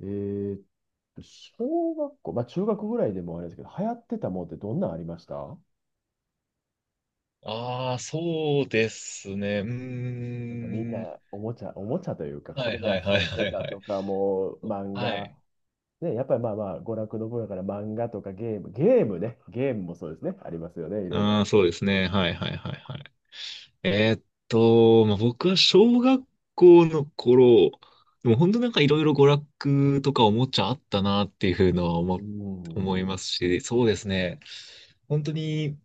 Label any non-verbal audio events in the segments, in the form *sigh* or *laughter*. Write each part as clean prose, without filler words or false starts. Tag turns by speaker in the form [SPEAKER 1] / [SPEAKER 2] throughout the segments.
[SPEAKER 1] えーっ小学校、まあ中学ぐらいでもあれですけど、流行ってたもんってどんなんありました？
[SPEAKER 2] ああ、そうですね。うー
[SPEAKER 1] なんかみん
[SPEAKER 2] ん。
[SPEAKER 1] なおもちゃ、おもちゃというか、こ
[SPEAKER 2] は
[SPEAKER 1] れ
[SPEAKER 2] い
[SPEAKER 1] で遊
[SPEAKER 2] はいはい
[SPEAKER 1] ん
[SPEAKER 2] は
[SPEAKER 1] で
[SPEAKER 2] い
[SPEAKER 1] た
[SPEAKER 2] は
[SPEAKER 1] と
[SPEAKER 2] い。
[SPEAKER 1] か、もう漫
[SPEAKER 2] は
[SPEAKER 1] 画、
[SPEAKER 2] い。
[SPEAKER 1] ね、やっぱりまあまあ、娯楽の分野から漫画とかゲーム、ゲームね、ゲームもそうですね、ありますよね、いろいろ。
[SPEAKER 2] ああ、そうですね。はいはいはいはい。えーっまあ、僕は小学校の頃、でも本当なんかいろいろ娯楽とかおもちゃあったなっていうのは思、
[SPEAKER 1] うん、
[SPEAKER 2] 思いますし、そうですね。本当に、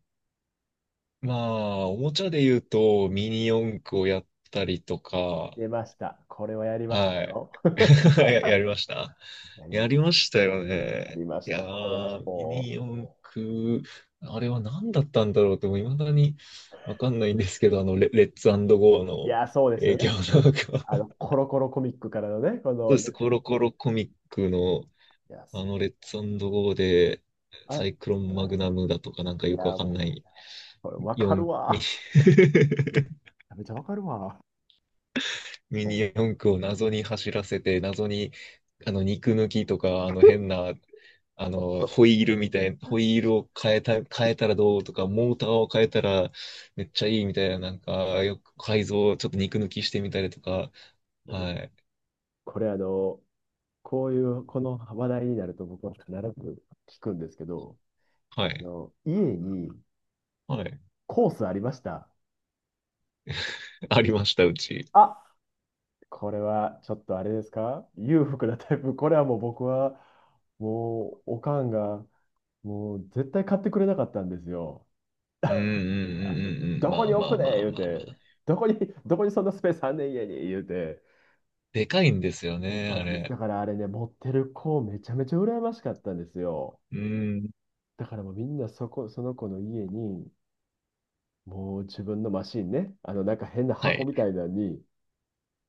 [SPEAKER 2] まあ、おもちゃで言うとミニ四駆をやったりとか、
[SPEAKER 1] 出ました。これはやりました
[SPEAKER 2] はい。
[SPEAKER 1] よ。
[SPEAKER 2] *laughs* やりました
[SPEAKER 1] *laughs* やりま
[SPEAKER 2] や
[SPEAKER 1] し
[SPEAKER 2] り
[SPEAKER 1] た。
[SPEAKER 2] ましたよ
[SPEAKER 1] や
[SPEAKER 2] ね。
[SPEAKER 1] りま
[SPEAKER 2] い
[SPEAKER 1] し
[SPEAKER 2] や
[SPEAKER 1] た。これは
[SPEAKER 2] ー、ミ
[SPEAKER 1] も
[SPEAKER 2] ニ四駆、あれは何だったんだろうと、もう未だにわかんないんですけど、レッツゴー
[SPEAKER 1] う、い
[SPEAKER 2] の
[SPEAKER 1] や、そうですよ
[SPEAKER 2] 影響
[SPEAKER 1] ね。
[SPEAKER 2] なのか。*laughs*
[SPEAKER 1] あ
[SPEAKER 2] そ
[SPEAKER 1] の、コロコロコミックからのね、こ
[SPEAKER 2] う
[SPEAKER 1] の、
[SPEAKER 2] で
[SPEAKER 1] い
[SPEAKER 2] す、コロコロコミックの、
[SPEAKER 1] や、そう
[SPEAKER 2] レッツゴーで、
[SPEAKER 1] あ、
[SPEAKER 2] サイクロ
[SPEAKER 1] う
[SPEAKER 2] ンマグナムだとか、なんか
[SPEAKER 1] ん、い
[SPEAKER 2] よ
[SPEAKER 1] や、
[SPEAKER 2] くわかんな
[SPEAKER 1] も
[SPEAKER 2] い、
[SPEAKER 1] う、これわか
[SPEAKER 2] 四
[SPEAKER 1] る
[SPEAKER 2] ミニ。
[SPEAKER 1] わ。
[SPEAKER 2] *laughs*
[SPEAKER 1] めっちゃわかるわ。
[SPEAKER 2] ミ
[SPEAKER 1] そ
[SPEAKER 2] ニ
[SPEAKER 1] う
[SPEAKER 2] 四駆を謎に走らせて、謎に、肉抜きとか、変なホイールみたいな、
[SPEAKER 1] なん
[SPEAKER 2] ホ
[SPEAKER 1] で
[SPEAKER 2] イールを変えた、変えたらどうとか、モーターを変えたらめっちゃいいみたいな、なんか、よく改造、ちょっと肉抜きしてみたりとか、はい、
[SPEAKER 1] これあの、こういう、この話題になると僕は必ず聞くんですけど、
[SPEAKER 2] は
[SPEAKER 1] あ
[SPEAKER 2] い、
[SPEAKER 1] の、家に
[SPEAKER 2] はい。
[SPEAKER 1] コースありました？
[SPEAKER 2] *laughs* ありました、うち。
[SPEAKER 1] あ、これはちょっとあれですか？裕福なタイプ。これはもう僕は、もう、おかんが、もう絶対買ってくれなかったんですよ。
[SPEAKER 2] うんうんうん
[SPEAKER 1] あの、
[SPEAKER 2] うんうん、
[SPEAKER 1] ど
[SPEAKER 2] ま
[SPEAKER 1] こ
[SPEAKER 2] あ
[SPEAKER 1] に置
[SPEAKER 2] ま
[SPEAKER 1] く
[SPEAKER 2] あ
[SPEAKER 1] ね
[SPEAKER 2] まあ
[SPEAKER 1] 言う
[SPEAKER 2] まあま
[SPEAKER 1] て、
[SPEAKER 2] あ。
[SPEAKER 1] どこに、どこにそんなスペースあんねん家に言うて、
[SPEAKER 2] でかいんですよ
[SPEAKER 1] で
[SPEAKER 2] ね、
[SPEAKER 1] か
[SPEAKER 2] あ
[SPEAKER 1] いです。
[SPEAKER 2] れ。
[SPEAKER 1] だからあれね、持ってる子めちゃめちゃ羨ましかったんですよ。
[SPEAKER 2] うん、
[SPEAKER 1] だからもうみんなそこ、その子の家に、もう自分のマシンね、あのなんか変な
[SPEAKER 2] は
[SPEAKER 1] 箱
[SPEAKER 2] い、
[SPEAKER 1] みたいなのに、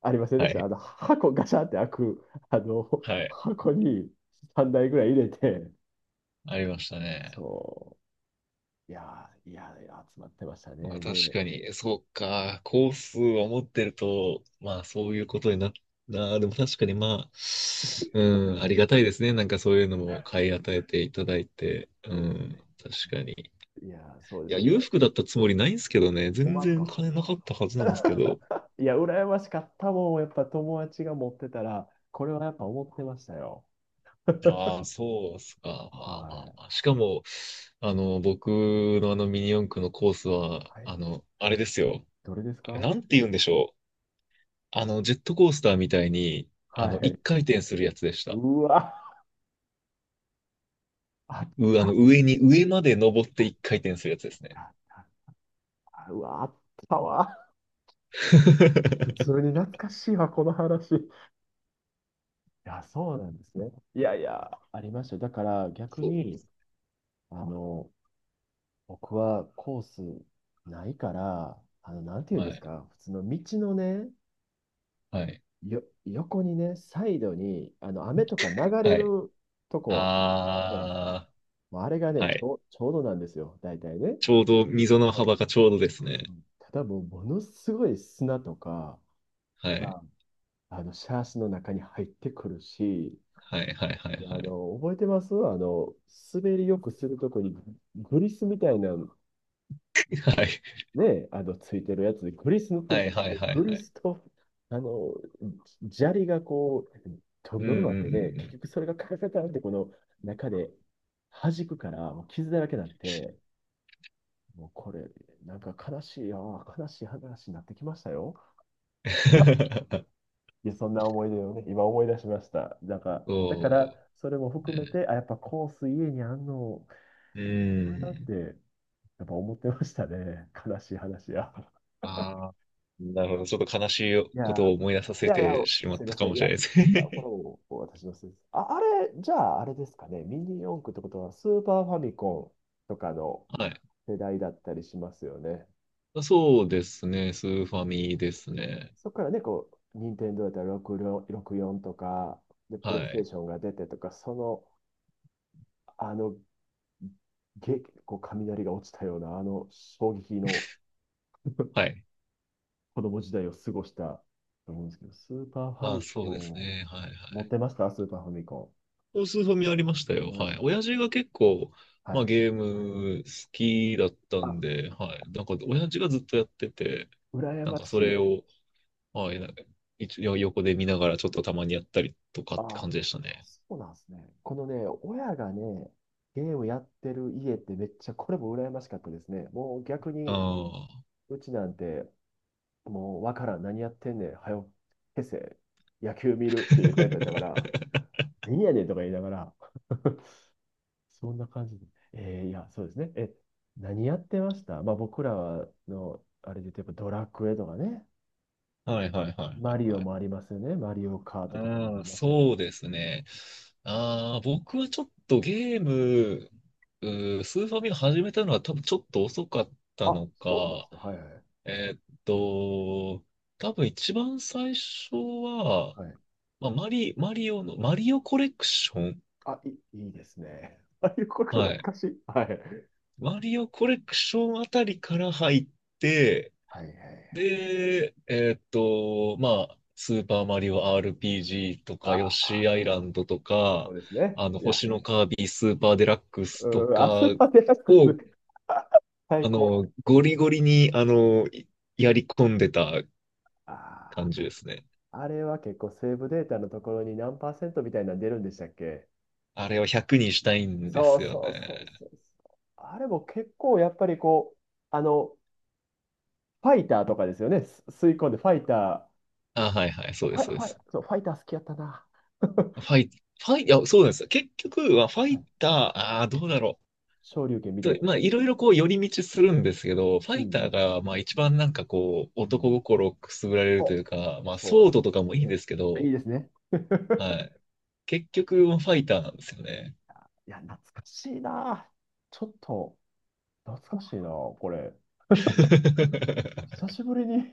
[SPEAKER 1] ありません
[SPEAKER 2] は
[SPEAKER 1] でした？あ
[SPEAKER 2] い、
[SPEAKER 1] の箱ガシャって開く、あの
[SPEAKER 2] はい、
[SPEAKER 1] 箱に3台ぐらい入れて、
[SPEAKER 2] ありましたね。
[SPEAKER 1] そう、いやー、いやー、集まってました
[SPEAKER 2] まあ
[SPEAKER 1] ね。
[SPEAKER 2] 確
[SPEAKER 1] で、
[SPEAKER 2] かに、そうか、コースを持ってると、まあそういうことになっなでも確かにまあ、うん、ありがたいですね。なんかそういうのも買い与えていただいて、う
[SPEAKER 1] そうです
[SPEAKER 2] ん、
[SPEAKER 1] ね。
[SPEAKER 2] 確かに。
[SPEAKER 1] いやー、そうで
[SPEAKER 2] い
[SPEAKER 1] す
[SPEAKER 2] や、
[SPEAKER 1] よね。
[SPEAKER 2] 裕福だったつもりないんですけどね、
[SPEAKER 1] 思い
[SPEAKER 2] 全
[SPEAKER 1] ます
[SPEAKER 2] 然
[SPEAKER 1] か？
[SPEAKER 2] 金なかったはずなんですけど。
[SPEAKER 1] いや、羨ましかったもん。やっぱ友達が持ってたら、これはやっぱ思ってましたよ。
[SPEAKER 2] ああ、そうっすか。まあまあま
[SPEAKER 1] は
[SPEAKER 2] あ。しかも、僕のあのミニ四駆のコースは、
[SPEAKER 1] い。
[SPEAKER 2] あれですよ。
[SPEAKER 1] どれです
[SPEAKER 2] あれ
[SPEAKER 1] か？
[SPEAKER 2] なんて言うんでしょう。ジェットコースターみたいに、
[SPEAKER 1] はい。
[SPEAKER 2] 一回転するやつでした。
[SPEAKER 1] うわ、あっ
[SPEAKER 2] う、あ
[SPEAKER 1] たあ
[SPEAKER 2] の、
[SPEAKER 1] っ
[SPEAKER 2] 上に、上まで登って一回転するやつですね。
[SPEAKER 1] たあった。あうわ、あったわ。普通に
[SPEAKER 2] *laughs*
[SPEAKER 1] 懐かしいわ、この話。いや、そうなんですね。いやいや、ありましたよ。だから逆
[SPEAKER 2] そう。
[SPEAKER 1] に、あの、僕はコースないから、あの、なんていうん
[SPEAKER 2] は
[SPEAKER 1] です
[SPEAKER 2] い。
[SPEAKER 1] か、普通の道のね、
[SPEAKER 2] はい。
[SPEAKER 1] 横にね、サイドに、あの、雨とか流れ
[SPEAKER 2] はい。
[SPEAKER 1] るとこじゃないですか。
[SPEAKER 2] あ
[SPEAKER 1] もうあれが
[SPEAKER 2] ー。
[SPEAKER 1] ね、
[SPEAKER 2] はい。
[SPEAKER 1] ちょうどなんですよ、大体ね。
[SPEAKER 2] ちょうど、溝の幅がちょうどです
[SPEAKER 1] そう
[SPEAKER 2] ね。
[SPEAKER 1] そう、ただもうものすごい砂とか
[SPEAKER 2] はい。
[SPEAKER 1] があのシャーシの中に入ってくるし、
[SPEAKER 2] はい、はい、はい、
[SPEAKER 1] あ
[SPEAKER 2] はい。
[SPEAKER 1] の覚えてます？あの滑りよくするとこにグリスみたいな、
[SPEAKER 2] はい。
[SPEAKER 1] ね、あのついてるやつでグリス塗って
[SPEAKER 2] は
[SPEAKER 1] るか
[SPEAKER 2] い、
[SPEAKER 1] ら、そ
[SPEAKER 2] はい、
[SPEAKER 1] の
[SPEAKER 2] はい、
[SPEAKER 1] グ
[SPEAKER 2] は
[SPEAKER 1] リ
[SPEAKER 2] い。
[SPEAKER 1] スとあの砂利がこうド
[SPEAKER 2] う
[SPEAKER 1] ロ
[SPEAKER 2] ん、う
[SPEAKER 1] ドロ
[SPEAKER 2] ん、
[SPEAKER 1] に
[SPEAKER 2] う
[SPEAKER 1] な
[SPEAKER 2] ん。
[SPEAKER 1] っ
[SPEAKER 2] う
[SPEAKER 1] てね、結
[SPEAKER 2] ん。
[SPEAKER 1] 局それがカタカタってこの中で弾くから、もう傷だらけになって、もうこれなんか悲しい、ああ悲しい話になってきましたよ。
[SPEAKER 2] *laughs*
[SPEAKER 1] いや、そんな思い出をね、今思い出しました。なんか、だから、
[SPEAKER 2] そ
[SPEAKER 1] それも
[SPEAKER 2] う
[SPEAKER 1] 含め
[SPEAKER 2] ね。
[SPEAKER 1] て、あ、やっぱコース家にあんの
[SPEAKER 2] う
[SPEAKER 1] かなっ
[SPEAKER 2] ん。
[SPEAKER 1] て、やっぱ思ってましたね。悲しい話や。
[SPEAKER 2] ああ、なるほど。ちょっと悲し
[SPEAKER 1] い
[SPEAKER 2] い
[SPEAKER 1] やー、
[SPEAKER 2] ことを思い出さ
[SPEAKER 1] い
[SPEAKER 2] せ
[SPEAKER 1] やいや、
[SPEAKER 2] てしまっ
[SPEAKER 1] すい
[SPEAKER 2] た
[SPEAKER 1] ま
[SPEAKER 2] か
[SPEAKER 1] せん。
[SPEAKER 2] も
[SPEAKER 1] い
[SPEAKER 2] し
[SPEAKER 1] や、
[SPEAKER 2] れ
[SPEAKER 1] い
[SPEAKER 2] ないです
[SPEAKER 1] やこれ
[SPEAKER 2] ね。
[SPEAKER 1] も私のせいです。あ、あれ、じゃあ、あれですかね。ミニ四駆ってことは、スーパーファミコンとかの
[SPEAKER 2] *laughs* はい。
[SPEAKER 1] 世代だったりしますよね。
[SPEAKER 2] あ、そうですね。スーファミですね。
[SPEAKER 1] そこからね、こう、任天堂だったら64 64とか、で、プレイ
[SPEAKER 2] は
[SPEAKER 1] ステー
[SPEAKER 2] い。
[SPEAKER 1] ションが出てとか、その、あのげ、こう雷が落ちたような、あの衝撃の *laughs*
[SPEAKER 2] はい。
[SPEAKER 1] 子供時代を過ごしたと思うんですけど、スーパーファ
[SPEAKER 2] あ、
[SPEAKER 1] ミ
[SPEAKER 2] そ
[SPEAKER 1] コ
[SPEAKER 2] うです
[SPEAKER 1] ン、
[SPEAKER 2] ね。はいは
[SPEAKER 1] 持っ
[SPEAKER 2] い。
[SPEAKER 1] てましたスーパーファミコ
[SPEAKER 2] お、スーファミありました
[SPEAKER 1] ン。
[SPEAKER 2] よ。
[SPEAKER 1] 思いまし
[SPEAKER 2] はい。
[SPEAKER 1] たね。
[SPEAKER 2] 親父が結構、
[SPEAKER 1] は
[SPEAKER 2] まあ
[SPEAKER 1] い。
[SPEAKER 2] ゲーム好きだったん
[SPEAKER 1] あ、
[SPEAKER 2] で、はい。なんか親父がずっとやってて、
[SPEAKER 1] 羨
[SPEAKER 2] なん
[SPEAKER 1] ま
[SPEAKER 2] かそ
[SPEAKER 1] し
[SPEAKER 2] れ
[SPEAKER 1] い。
[SPEAKER 2] を、はい、なんか一応横で見ながらちょっとたまにやったりとかって
[SPEAKER 1] あ、
[SPEAKER 2] 感じでしたね。
[SPEAKER 1] そうなんですね。このね、親がね、ゲームやってる家ってめっちゃ、これも羨ましかったですね。もう逆
[SPEAKER 2] あ
[SPEAKER 1] に、
[SPEAKER 2] あ。
[SPEAKER 1] うちなんて、もうわからん、何やってんねん、はよ、消せ、野球見るっていうタイプだったか
[SPEAKER 2] *laughs*
[SPEAKER 1] ら、何やねんとか言いながら、*laughs* そんな感じで。いや、そうですね。え、何やってました？まあ僕らの、あれで言うと、ドラクエとかね、
[SPEAKER 2] はいはいはいは
[SPEAKER 1] マリ
[SPEAKER 2] い
[SPEAKER 1] オ
[SPEAKER 2] はい。
[SPEAKER 1] もありますよね。マリオカートとかもあ
[SPEAKER 2] ああ、
[SPEAKER 1] りましたけど。
[SPEAKER 2] そうですね。ああ、僕はちょっとゲーム、うスーファミが始めたのは多分ちょっと遅かった
[SPEAKER 1] あ、
[SPEAKER 2] の
[SPEAKER 1] そうなんで
[SPEAKER 2] か、
[SPEAKER 1] すか。はいはい。
[SPEAKER 2] えーっと、多分一番最初は、
[SPEAKER 1] はい。
[SPEAKER 2] まあ、マリオの、マリオコレクション、
[SPEAKER 1] あ、いいですね。ああいうこと
[SPEAKER 2] は
[SPEAKER 1] 懐
[SPEAKER 2] い。
[SPEAKER 1] かしい。はい。
[SPEAKER 2] マリオコレクションあたりから入って、
[SPEAKER 1] はいはい。
[SPEAKER 2] で、まあ、スーパーマリオ RPG とか、ヨッ
[SPEAKER 1] あ
[SPEAKER 2] シ
[SPEAKER 1] あ、
[SPEAKER 2] ーアイランドと
[SPEAKER 1] そ
[SPEAKER 2] か、
[SPEAKER 1] うですね。いや、
[SPEAKER 2] 星のカービィスーパーデラックスと
[SPEAKER 1] うん、
[SPEAKER 2] か
[SPEAKER 1] あそこでックス。
[SPEAKER 2] を、
[SPEAKER 1] *laughs* 最高。
[SPEAKER 2] ゴリゴリに、やり込んでた
[SPEAKER 1] あ
[SPEAKER 2] 感じですね。
[SPEAKER 1] あ、あれは結構セーブデータのところに何パーセントみたいなの出るんでしたっけ？
[SPEAKER 2] あれを100にしたいんで
[SPEAKER 1] そう
[SPEAKER 2] すよ
[SPEAKER 1] そうそ
[SPEAKER 2] ね。
[SPEAKER 1] うそうそう。あれも結構やっぱりこう、あの、ファイターとかですよね。吸い込んでファイタ
[SPEAKER 2] あ、はいはい、
[SPEAKER 1] ー、
[SPEAKER 2] そう
[SPEAKER 1] フ
[SPEAKER 2] で
[SPEAKER 1] ァ
[SPEAKER 2] す、
[SPEAKER 1] イ、
[SPEAKER 2] そうで
[SPEAKER 1] ファイ、
[SPEAKER 2] す。
[SPEAKER 1] そう、ファイター好きやったな。*laughs*
[SPEAKER 2] ファイ、ファイ、いや、そうなんですよ。結局は、ファ
[SPEAKER 1] は
[SPEAKER 2] イ
[SPEAKER 1] い
[SPEAKER 2] ター、ああ、どうだろう。
[SPEAKER 1] 昇竜拳みた
[SPEAKER 2] と、
[SPEAKER 1] いな。
[SPEAKER 2] まあ、いろいろこう、寄り道するんですけど、ファ
[SPEAKER 1] うんう
[SPEAKER 2] イター
[SPEAKER 1] ん
[SPEAKER 2] が、まあ、一番なんかこう、
[SPEAKER 1] うんう
[SPEAKER 2] 男
[SPEAKER 1] ん、
[SPEAKER 2] 心をくすぐられる
[SPEAKER 1] そ
[SPEAKER 2] と
[SPEAKER 1] う
[SPEAKER 2] いうか、まあ、ソ
[SPEAKER 1] そ
[SPEAKER 2] ードとかもいいんですけ
[SPEAKER 1] う。い
[SPEAKER 2] ど、
[SPEAKER 1] いですね。
[SPEAKER 2] はい。結局、ファイターなんですよね。
[SPEAKER 1] いや、懐かしいな。ちょっと、懐かしいな、これ。
[SPEAKER 2] *laughs*
[SPEAKER 1] 久しぶりに *laughs*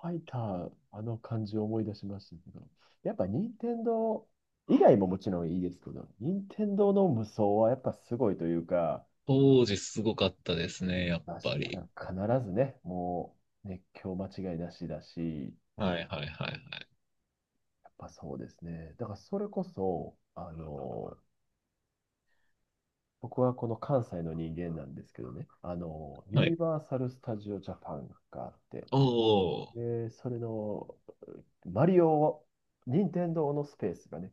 [SPEAKER 1] ファイター、あの感じを思い出しましたけど、やっぱ任天堂以外ももちろんいいですけど、任天堂の無双はやっぱすごいというか、
[SPEAKER 2] 当時すごかったですね、やっ
[SPEAKER 1] まあ、
[SPEAKER 2] ぱり。
[SPEAKER 1] 必ずね、もう熱狂間違いなしだし、
[SPEAKER 2] はいはいはいはい。
[SPEAKER 1] やっぱそうですね。だからそれこそ、あの、僕はこの関西の人間なんですけどね、あの、ユ
[SPEAKER 2] は
[SPEAKER 1] ニ
[SPEAKER 2] い。
[SPEAKER 1] バーサル・スタジオ・ジャパンがあって、
[SPEAKER 2] おー。
[SPEAKER 1] で、それのマリオを、任天堂のスペースがね、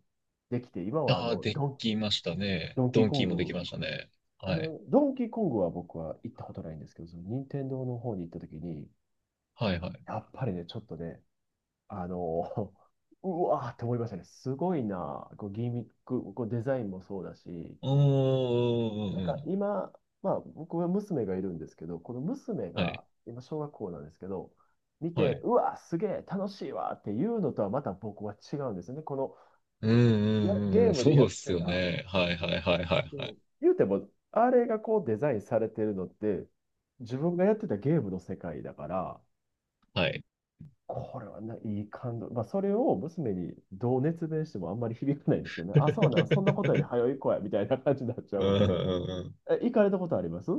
[SPEAKER 1] できて、今はあ
[SPEAKER 2] ああ、
[SPEAKER 1] の
[SPEAKER 2] できましたね。
[SPEAKER 1] ドンキ
[SPEAKER 2] ド
[SPEAKER 1] ー
[SPEAKER 2] ン
[SPEAKER 1] コ
[SPEAKER 2] キ
[SPEAKER 1] ン
[SPEAKER 2] ーもでき
[SPEAKER 1] グ、
[SPEAKER 2] ましたね。
[SPEAKER 1] あ
[SPEAKER 2] はい。
[SPEAKER 1] の、ドンキーコングは僕は行ったことないんですけど、その任天堂の方に行った時に、
[SPEAKER 2] はいはい。
[SPEAKER 1] やっぱりね、ちょっとね、あの、*laughs* うわーって思いましたね。すごいな、こうギミック、こうデザインもそうだし、
[SPEAKER 2] おー。う
[SPEAKER 1] な
[SPEAKER 2] ん
[SPEAKER 1] ん
[SPEAKER 2] うんう
[SPEAKER 1] か
[SPEAKER 2] ん。
[SPEAKER 1] 今、まあ僕は娘がいるんですけど、この娘
[SPEAKER 2] はい。
[SPEAKER 1] が今小学校なんですけど、見
[SPEAKER 2] は
[SPEAKER 1] て、
[SPEAKER 2] い。
[SPEAKER 1] うわー、すげえ、楽しいわーっていうのとはまた僕は違うんですよね。この
[SPEAKER 2] うんうん
[SPEAKER 1] や、
[SPEAKER 2] うん
[SPEAKER 1] ゲ
[SPEAKER 2] う
[SPEAKER 1] ー
[SPEAKER 2] ん。
[SPEAKER 1] ムでや
[SPEAKER 2] そう
[SPEAKER 1] っ
[SPEAKER 2] っす
[SPEAKER 1] て
[SPEAKER 2] よ
[SPEAKER 1] た。
[SPEAKER 2] ね。はいはいはいはい
[SPEAKER 1] う
[SPEAKER 2] はい。
[SPEAKER 1] ん、言うても、あれがこうデザインされてるのって、自分がやってたゲームの世界だから、
[SPEAKER 2] はい。
[SPEAKER 1] これはな、いい感動。まあ、それを娘にどう熱弁してもあんまり響かないんですけど
[SPEAKER 2] *laughs*
[SPEAKER 1] ね。
[SPEAKER 2] う
[SPEAKER 1] あ、そうなん、そんなことより早
[SPEAKER 2] ん
[SPEAKER 1] い子や、みたいな感じになっちゃ
[SPEAKER 2] う
[SPEAKER 1] うん
[SPEAKER 2] ん
[SPEAKER 1] で。
[SPEAKER 2] うん。
[SPEAKER 1] え、行かれたことあります？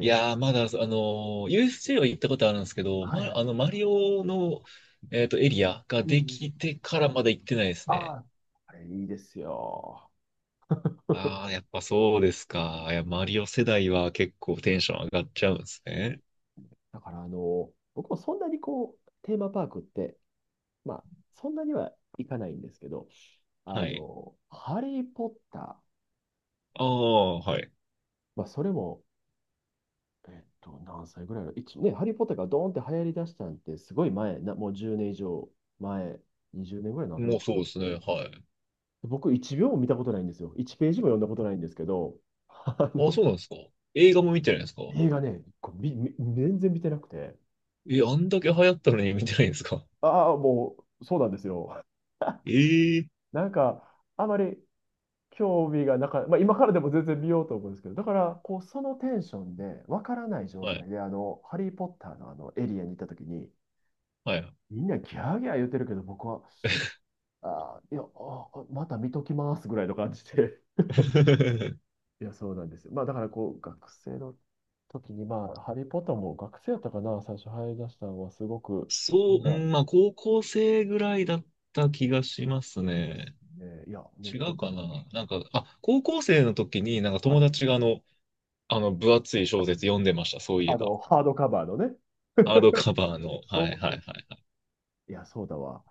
[SPEAKER 2] い やー、まだ、USJ は行ったことあるんですけど、
[SPEAKER 1] はいは
[SPEAKER 2] ま、
[SPEAKER 1] い。
[SPEAKER 2] マリオの、エリアが
[SPEAKER 1] うんう
[SPEAKER 2] で
[SPEAKER 1] ん。
[SPEAKER 2] きてからまだ行ってないです
[SPEAKER 1] あ
[SPEAKER 2] ね。
[SPEAKER 1] あ、あれいいですよ。*laughs*
[SPEAKER 2] ああ、やっぱそうですか。いや、マリオ世代は結構テンション上がっちゃうんですね。
[SPEAKER 1] だから、あの、僕もそんなにこう、テーマパークってまあ、そんなにはいかないんですけど、あ
[SPEAKER 2] はい。
[SPEAKER 1] の、ハリー・ポッター、
[SPEAKER 2] ああ、はい。
[SPEAKER 1] まあ、それも、何歳ぐらいの、一ね、ハリー・ポッターがドーンって流行り出したんって、すごい前な、もう10年以上前、20年ぐらいになるの
[SPEAKER 2] もう
[SPEAKER 1] か
[SPEAKER 2] そうで
[SPEAKER 1] な。
[SPEAKER 2] すね。はい。
[SPEAKER 1] 僕、1秒も見たことないんですよ。1ページも読んだことないんですけど、あ
[SPEAKER 2] ああ、
[SPEAKER 1] の、
[SPEAKER 2] そうなんですか。映画も見てないんですか？
[SPEAKER 1] 映画ね、こうみみ全然見てなくて、
[SPEAKER 2] え、あんだけ流行ったのに見てないんですか？
[SPEAKER 1] ああ、もう、そうなんですよ。
[SPEAKER 2] ええー。
[SPEAKER 1] なんか、あまり興味がなか、まあ、今からでも全然見ようと思うんですけど、だから、こう、そのテンションで、わからない状
[SPEAKER 2] はい。
[SPEAKER 1] 態で、あの、ハリー・ポッターのあの、エリアに行った時に、
[SPEAKER 2] はい。
[SPEAKER 1] みんなギャーギャー言ってるけど、僕は、あー、いや、あー、また見ときますぐらいの感じで。
[SPEAKER 2] *laughs*
[SPEAKER 1] *laughs* いや、そうなんですよ。まあ、だから、こう、学生の時に、まあ、ハリー・ポッターも学生やったかな、最初入り出したのは、すごく、み
[SPEAKER 2] そ
[SPEAKER 1] ん
[SPEAKER 2] う、
[SPEAKER 1] な、
[SPEAKER 2] うん、まあ、高校生ぐらいだった気がしますね。
[SPEAKER 1] ね、いや、熱
[SPEAKER 2] 違
[SPEAKER 1] 狂
[SPEAKER 2] う
[SPEAKER 1] し
[SPEAKER 2] か
[SPEAKER 1] てた。
[SPEAKER 2] な、なんか、あ、高校生の時に、なんか
[SPEAKER 1] は
[SPEAKER 2] 友
[SPEAKER 1] い。
[SPEAKER 2] 達があの、分厚い小説読んでました、そういえ
[SPEAKER 1] あ
[SPEAKER 2] ば。
[SPEAKER 1] の、ハードカバーのね。
[SPEAKER 2] ハードカバー
[SPEAKER 1] *laughs*
[SPEAKER 2] の。は
[SPEAKER 1] そ
[SPEAKER 2] いはい
[SPEAKER 1] う
[SPEAKER 2] は
[SPEAKER 1] そうそう。
[SPEAKER 2] い
[SPEAKER 1] いや、そうだわ。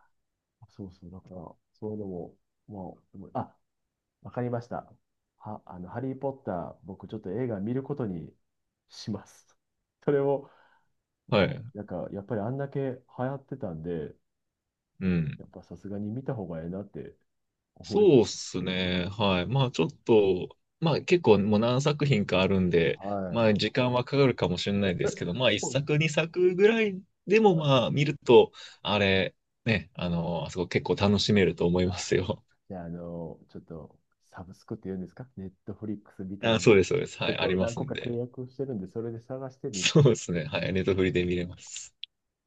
[SPEAKER 1] そうそう、だから、そういうのも、もう、でもあ、わかりました。あの、ハリー・ポッター、僕ちょっと映画見ることにします。*laughs* それを、
[SPEAKER 2] はい。は
[SPEAKER 1] はい、
[SPEAKER 2] い。
[SPEAKER 1] なんか、やっぱりあんだけ流行ってたんで、
[SPEAKER 2] うん。
[SPEAKER 1] やっぱさすがに見た方がええなって思いま
[SPEAKER 2] そうっ
[SPEAKER 1] す。
[SPEAKER 2] すね。はい。まあ、ちょっと、まあ、結構もう何作品かあるんで、
[SPEAKER 1] は
[SPEAKER 2] ま
[SPEAKER 1] い。
[SPEAKER 2] あ、時間はかかるかもしれないですけど、まあ、一
[SPEAKER 1] そうで
[SPEAKER 2] 作、
[SPEAKER 1] す
[SPEAKER 2] 二作ぐらいでも、まあ、見ると、あれ、ね、あそこ結構楽しめると思いま
[SPEAKER 1] か。
[SPEAKER 2] すよ。
[SPEAKER 1] じゃあ、あの、ちょっと、サブスクって言うんですか？ネットフリックスみた
[SPEAKER 2] あ、
[SPEAKER 1] い
[SPEAKER 2] そ
[SPEAKER 1] な。
[SPEAKER 2] う
[SPEAKER 1] ち
[SPEAKER 2] です、そうです。は
[SPEAKER 1] ょっ
[SPEAKER 2] い、あり
[SPEAKER 1] と
[SPEAKER 2] ま
[SPEAKER 1] 何
[SPEAKER 2] す
[SPEAKER 1] 個
[SPEAKER 2] ん
[SPEAKER 1] か契
[SPEAKER 2] で。
[SPEAKER 1] 約をしてるんで、それで探して
[SPEAKER 2] *laughs*
[SPEAKER 1] みる。
[SPEAKER 2] そうですね。はい、ネットフリで見れます。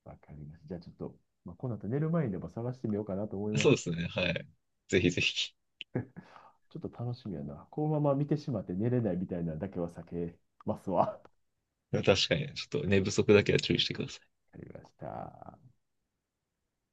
[SPEAKER 1] わかります。じゃあちょっと、まあ、この後寝る前にでも探してみようかなと思いま
[SPEAKER 2] そ
[SPEAKER 1] す。
[SPEAKER 2] うですね。はい。ぜひぜひ。
[SPEAKER 1] ちょっと楽しみやな。このまま見てしまって寝れないみたいなのだけは避けますわ。*laughs* わ
[SPEAKER 2] 確かに、ちょっと寝不足だけは注意してください。
[SPEAKER 1] かりました。